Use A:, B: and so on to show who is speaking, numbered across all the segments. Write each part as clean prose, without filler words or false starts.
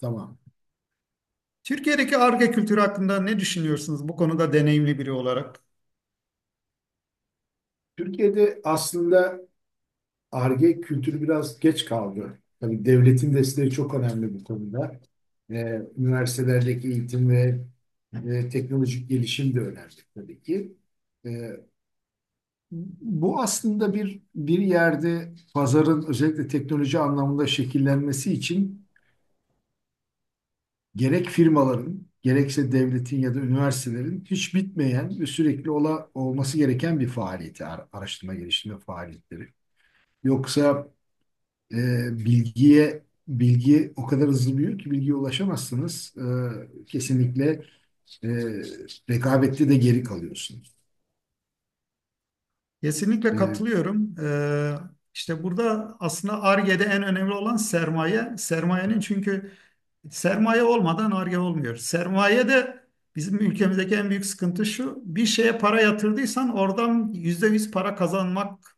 A: Tamam.
B: Türkiye'deki Ar-Ge kültürü hakkında ne düşünüyorsunuz bu konuda deneyimli biri olarak?
A: Türkiye'de aslında Ar-Ge kültürü biraz geç kaldı. Tabii devletin desteği çok önemli bu konuda. Üniversitelerdeki eğitim ve teknolojik gelişim de önemli tabii ki. Ee, Bu aslında bir yerde pazarın özellikle teknoloji anlamında şekillenmesi için gerek firmaların, gerekse devletin ya da üniversitelerin hiç bitmeyen ve sürekli olması gereken bir faaliyeti, araştırma geliştirme faaliyetleri. Yoksa E, bilgiye bilgi o kadar hızlı büyüyor ki bilgiye ulaşamazsınız. Kesinlikle e, rekabette de geri kalıyorsunuz.
B: Kesinlikle
A: E,
B: katılıyorum. İşte burada aslında Ar-Ge'de en önemli olan sermaye. Sermaye olmadan Ar-Ge olmuyor. Sermaye de bizim ülkemizdeki en büyük sıkıntı şu. Bir şeye para yatırdıysan oradan %100 para kazanmak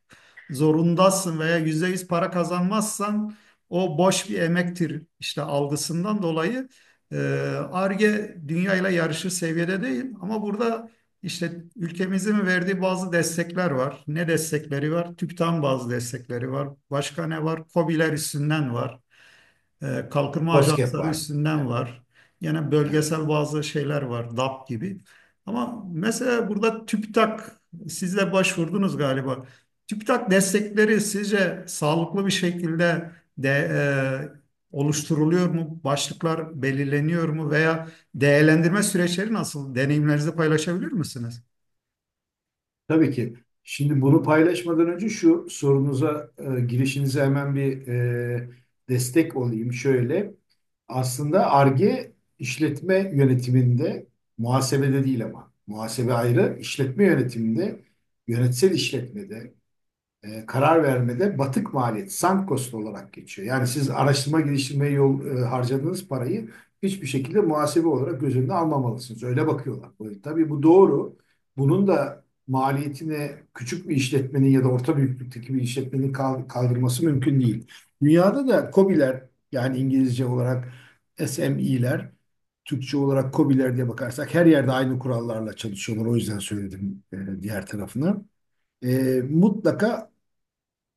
B: zorundasın veya %100 para kazanmazsan o boş bir emektir işte algısından dolayı e, Ar-Ge dünyayla yarışır seviyede değil, ama burada işte ülkemizin verdiği bazı destekler var. Ne destekleri var? TÜBİTAK'ın bazı destekleri var. Başka ne var? KOBİ'ler üstünden var. Kalkınma
A: COSGAP
B: ajansları
A: var.
B: üstünden
A: Evet.
B: var. Yine
A: Evet.
B: bölgesel bazı şeyler var, DAP gibi. Ama mesela burada TÜBİTAK, siz de başvurdunuz galiba. TÜBİTAK destekleri sizce sağlıklı bir şekilde de oluşturuluyor mu? Başlıklar belirleniyor mu? Veya değerlendirme süreçleri nasıl? Deneyimlerinizi paylaşabilir misiniz?
A: Tabii ki. Şimdi bunu paylaşmadan önce şu sorunuza, girişinize hemen bir destek olayım. Şöyle, aslında Ar-Ge işletme yönetiminde, muhasebede değil ama, muhasebe ayrı, işletme yönetiminde, yönetsel işletmede, karar vermede batık maliyet, sunk cost olarak geçiyor. Yani siz araştırma geliştirmeye harcadığınız parayı hiçbir şekilde muhasebe olarak göz önüne almamalısınız. Öyle bakıyorlar. Tabii bu doğru. Bunun da maliyetini küçük bir işletmenin ya da orta büyüklükteki bir işletmenin kaldırması mümkün değil. Dünyada da KOBİ'ler yani İngilizce olarak SME'ler Türkçe olarak KOBİ'ler diye bakarsak her yerde aynı kurallarla çalışıyorlar. O yüzden söyledim diğer tarafını. E, Mutlaka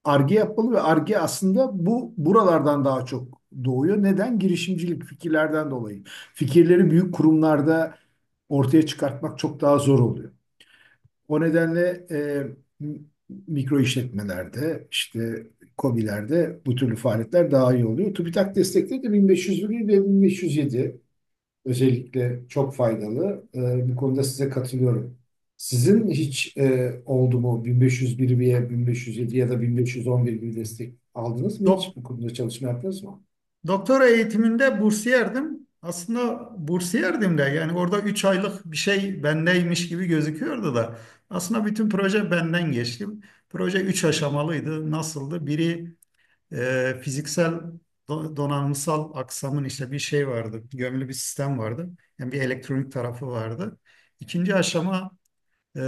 A: Arge yapmalı ve Arge aslında bu buralardan daha çok doğuyor. Neden? Girişimcilik fikirlerden dolayı. Fikirleri büyük kurumlarda ortaya çıkartmak çok daha zor oluyor. O nedenle mikro işletmelerde, işte KOBİ'lerde bu türlü faaliyetler daha iyi oluyor. TÜBİTAK destekleri de 1501 ve 1507 özellikle çok faydalı. Bu konuda size katılıyorum. Sizin hiç oldu mu 1501 veya 1507 ya da 1511 gibi destek aldınız mı hiç?
B: Dok-
A: Bu konuda çalışma yaptınız mı?
B: Doktora eğitiminde bursiyerdim. Aslında bursiyerdim de, yani orada 3 aylık bir şey bendeymiş gibi gözüküyordu da. Aslında bütün proje benden geçti. Proje 3 aşamalıydı. Nasıldı? Biri fiziksel donanımsal aksamın işte bir şey vardı. Gömülü bir sistem vardı. Yani bir elektronik tarafı vardı. İkinci aşama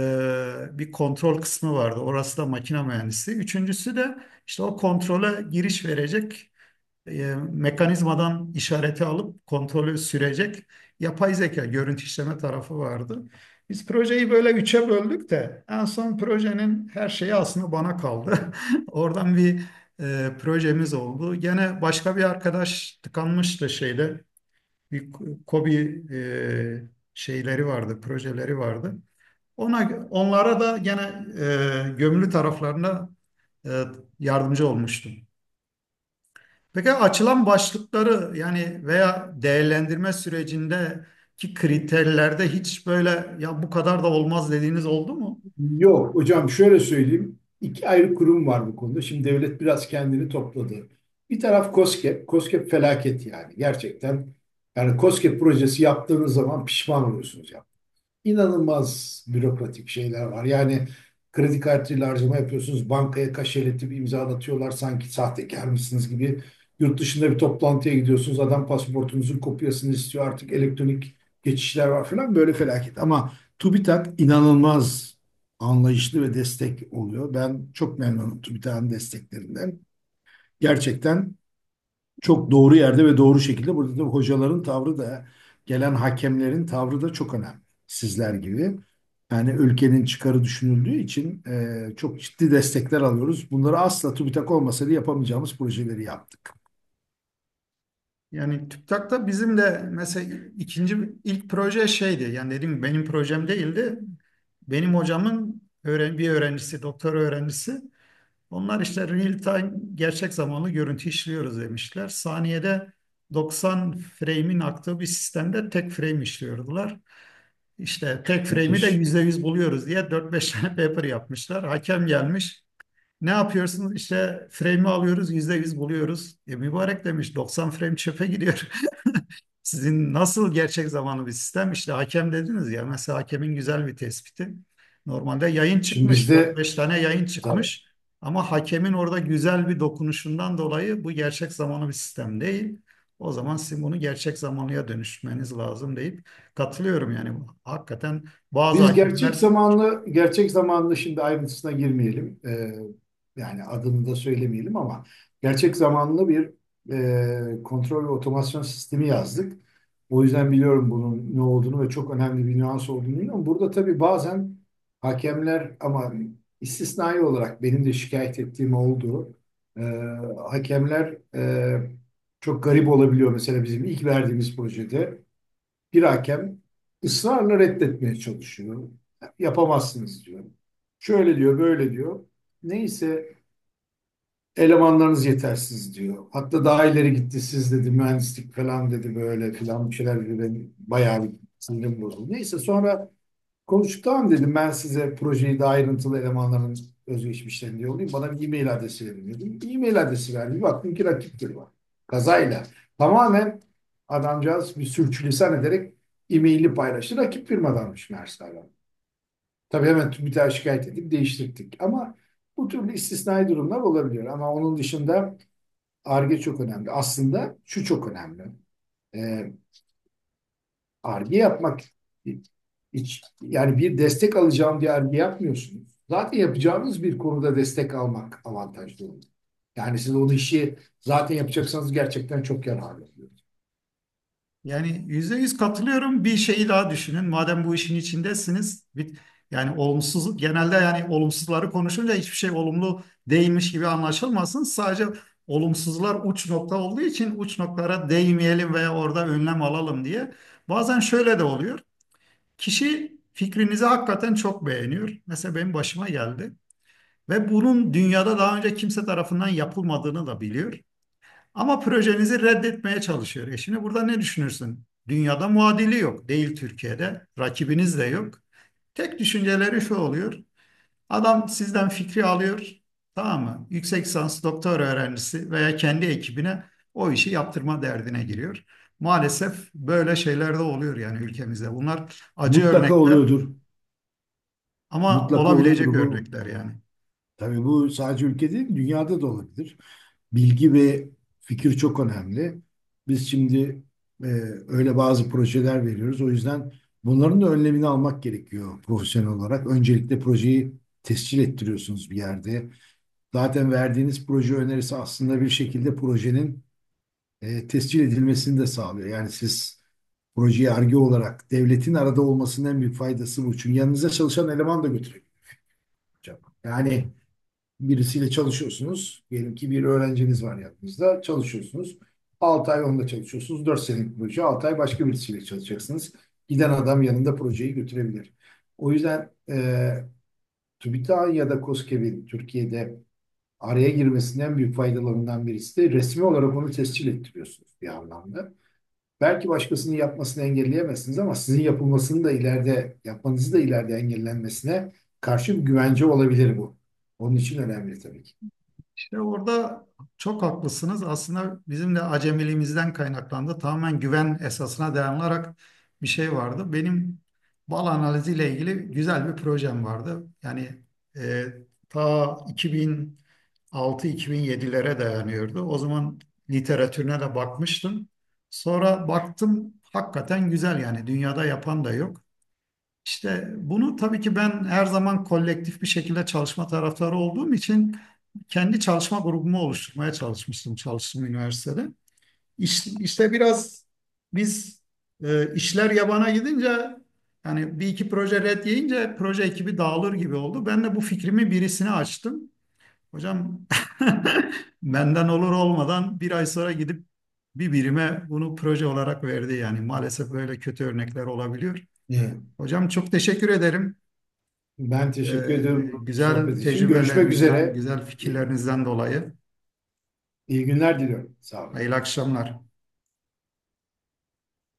B: bir kontrol kısmı vardı. Orası da makine mühendisi. Üçüncüsü de işte o kontrole giriş verecek mekanizmadan işareti alıp kontrolü sürecek yapay zeka görüntü işleme tarafı vardı. Biz projeyi böyle üçe böldük de en son projenin her şeyi aslında bana kaldı. Oradan bir projemiz oldu. Gene başka bir arkadaş tıkanmıştı şeyde. Bir KOBİ şeyleri vardı, projeleri vardı. Onlara da gene gömülü taraflarına e, yardımcı olmuştum. Peki açılan başlıkları, yani veya değerlendirme sürecindeki kriterlerde hiç böyle ya bu kadar da olmaz dediğiniz oldu mu?
A: Yok hocam şöyle söyleyeyim. İki ayrı kurum var bu konuda. Şimdi devlet biraz kendini topladı. Bir taraf KOSGEB. KOSGEB felaket yani gerçekten. Yani KOSGEB projesi yaptığınız zaman pişman oluyorsunuz. İnanılmaz bürokratik şeyler var. Yani kredi kartıyla harcama yapıyorsunuz, bankaya kaşeletip imzalatıyorlar sanki sahtekar mısınız gibi. Yurt dışında bir toplantıya gidiyorsunuz, adam pasaportunuzun kopyasını istiyor artık elektronik geçişler var falan böyle felaket. Ama TÜBİTAK inanılmaz anlayışlı ve destek oluyor. Ben çok memnunum TÜBİTAK'ın desteklerinden. Gerçekten çok doğru yerde ve doğru şekilde. Burada tabii hocaların tavrı da gelen hakemlerin tavrı da çok önemli. Sizler gibi. Yani ülkenin çıkarı düşünüldüğü için çok ciddi destekler alıyoruz. Bunları asla TÜBİTAK olmasaydı yapamayacağımız projeleri yaptık.
B: Yani TÜBİTAK'ta bizim de mesela ikinci ilk proje şeydi. Yani dediğim gibi benim projem değildi. Benim hocamın bir öğrencisi, doktor öğrencisi. Onlar işte real time, gerçek zamanlı görüntü işliyoruz demişler. Saniyede 90 frame'in aktığı bir sistemde tek frame işliyordular. İşte tek frame'i de
A: Müthiş.
B: %100 buluyoruz diye dört beş tane paper yapmışlar. Hakem gelmiş. Ne yapıyorsun? İşte frame'i alıyoruz, %100 buluyoruz. E, mübarek demiş, 90 frame çöpe gidiyor. Sizin nasıl gerçek zamanlı bir sistem? İşte hakem dediniz ya, mesela hakemin güzel bir tespiti. Normalde yayın
A: Şimdi
B: çıkmış,
A: bizde
B: 4-5 tane yayın çıkmış. Ama hakemin orada güzel bir dokunuşundan dolayı bu gerçek zamanlı bir sistem değil. O zaman sizin bunu gerçek zamanlıya dönüşmeniz lazım deyip, katılıyorum yani. Hakikaten bazı
A: biz gerçek
B: hakemler.
A: zamanlı, gerçek zamanlı şimdi ayrıntısına girmeyelim. Yani adını da söylemeyelim ama gerçek zamanlı bir kontrol ve otomasyon sistemi yazdık. O yüzden biliyorum bunun ne olduğunu ve çok önemli bir nüans olduğunu biliyorum. Burada tabii bazen hakemler ama istisnai olarak benim de şikayet ettiğim oldu. Ee, Hakemler çok garip olabiliyor. Mesela bizim ilk verdiğimiz projede. Bir hakem ısrarla reddetmeye çalışıyor. Yapamazsınız diyor. Şöyle diyor, böyle diyor. Neyse elemanlarınız yetersiz diyor. Hatta daha ileri gitti siz dedi mühendislik falan dedi böyle filan bir şeyler dedi. Ben bayağı bir sinirim bozuldu. Neyse sonra konuştuktan dedim ben size projeyi de ayrıntılı elemanların özgeçmişlerini yollayayım. Bana bir e-mail adresi verin dedim. E-mail adresi verdi. Bir baktım ki rakiptir var. Kazayla. Tamamen adamcağız bir sürçülisan ederek e-maili paylaştı. Rakip firmadanmış meğerse adam. Tabii hemen TÜBİTAK'a şikayet edip değiştirdik. Ama bu türlü istisnai durumlar olabiliyor. Ama onun dışında Ar-Ge çok önemli. Aslında şu çok önemli. Ee, Arge yapmak hiç, yani bir destek alacağım diye Arge yapmıyorsunuz. Zaten yapacağınız bir konuda destek almak avantajlı olur. Yani siz o işi zaten yapacaksanız gerçekten çok yararlı oluyor.
B: Yani %100 katılıyorum. Bir şeyi daha düşünün. Madem bu işin içindesiniz, bir, yani olumsuz genelde, yani olumsuzları konuşunca hiçbir şey olumlu değilmiş gibi anlaşılmasın. Sadece olumsuzlar uç nokta olduğu için uç noktalara değmeyelim veya orada önlem alalım diye. Bazen şöyle de oluyor. Kişi fikrinizi hakikaten çok beğeniyor. Mesela benim başıma geldi ve bunun dünyada daha önce kimse tarafından yapılmadığını da biliyor. Ama projenizi reddetmeye çalışıyor. E şimdi burada ne düşünürsün? Dünyada muadili yok. Değil Türkiye'de. Rakibiniz de yok. Tek düşünceleri şu oluyor. Adam sizden fikri alıyor. Tamam mı? Yüksek lisans doktor öğrencisi veya kendi ekibine o işi yaptırma derdine giriyor. Maalesef böyle şeyler de oluyor yani ülkemizde. Bunlar acı
A: Mutlaka
B: örnekler,
A: oluyordur.
B: ama
A: Mutlaka oluyordur
B: olabilecek
A: bu.
B: örnekler yani.
A: Tabii bu sadece ülkede değil, dünyada da olabilir. Bilgi ve fikir çok önemli. Biz şimdi e, öyle bazı projeler veriyoruz. O yüzden bunların da önlemini almak gerekiyor profesyonel olarak. Öncelikle projeyi tescil ettiriyorsunuz bir yerde. Zaten verdiğiniz proje önerisi aslında bir şekilde projenin tescil edilmesini de sağlıyor. Yani siz projeyi arge olarak devletin arada olmasının en büyük faydası bu. Çünkü yanınıza çalışan eleman da götürebilir hocam. Yani birisiyle çalışıyorsunuz. Diyelim ki bir öğrenciniz var yanınızda. Çalışıyorsunuz. 6 ay onda çalışıyorsunuz. Dört senelik proje. 6 ay başka birisiyle çalışacaksınız. Giden adam yanında projeyi götürebilir. O yüzden TÜBİTAK'ın ya da KOSGEB'in Türkiye'de araya girmesinin en büyük faydalarından birisi de resmi olarak onu tescil ettiriyorsunuz bir anlamda. Belki başkasının yapmasını engelleyemezsiniz ama sizin yapılmasını da ileride, yapmanızı da ileride engellenmesine karşı bir güvence olabilir bu. Onun için önemli tabii ki.
B: İşte orada çok haklısınız. Aslında bizim de acemiliğimizden kaynaklandı. Tamamen güven esasına dayanarak bir şey vardı. Benim bal analiziyle ilgili güzel bir projem vardı. Yani e, ta 2006-2007'lere dayanıyordu. O zaman literatürüne de bakmıştım. Sonra baktım hakikaten güzel, yani dünyada yapan da yok. İşte bunu tabii ki ben her zaman kolektif bir şekilde çalışma taraftarı olduğum için kendi çalışma grubumu oluşturmaya çalışmıştım çalıştığım üniversitede. İşte, biraz biz işler yabana gidince, yani bir iki proje red yiyince proje ekibi dağılır gibi oldu. Ben de bu fikrimi birisine açtım. Hocam benden olur olmadan bir ay sonra gidip bir birime bunu proje olarak verdi. Yani maalesef böyle kötü örnekler olabiliyor.
A: Ee,
B: Hocam çok teşekkür ederim.
A: Ben teşekkür
B: Ee,
A: ediyorum bu
B: güzel
A: sohbet için. Görüşmek
B: tecrübelerinizden,
A: üzere.
B: güzel
A: İyi,
B: fikirlerinizden dolayı
A: iyi günler diliyorum. Sağ olun.
B: hayırlı akşamlar.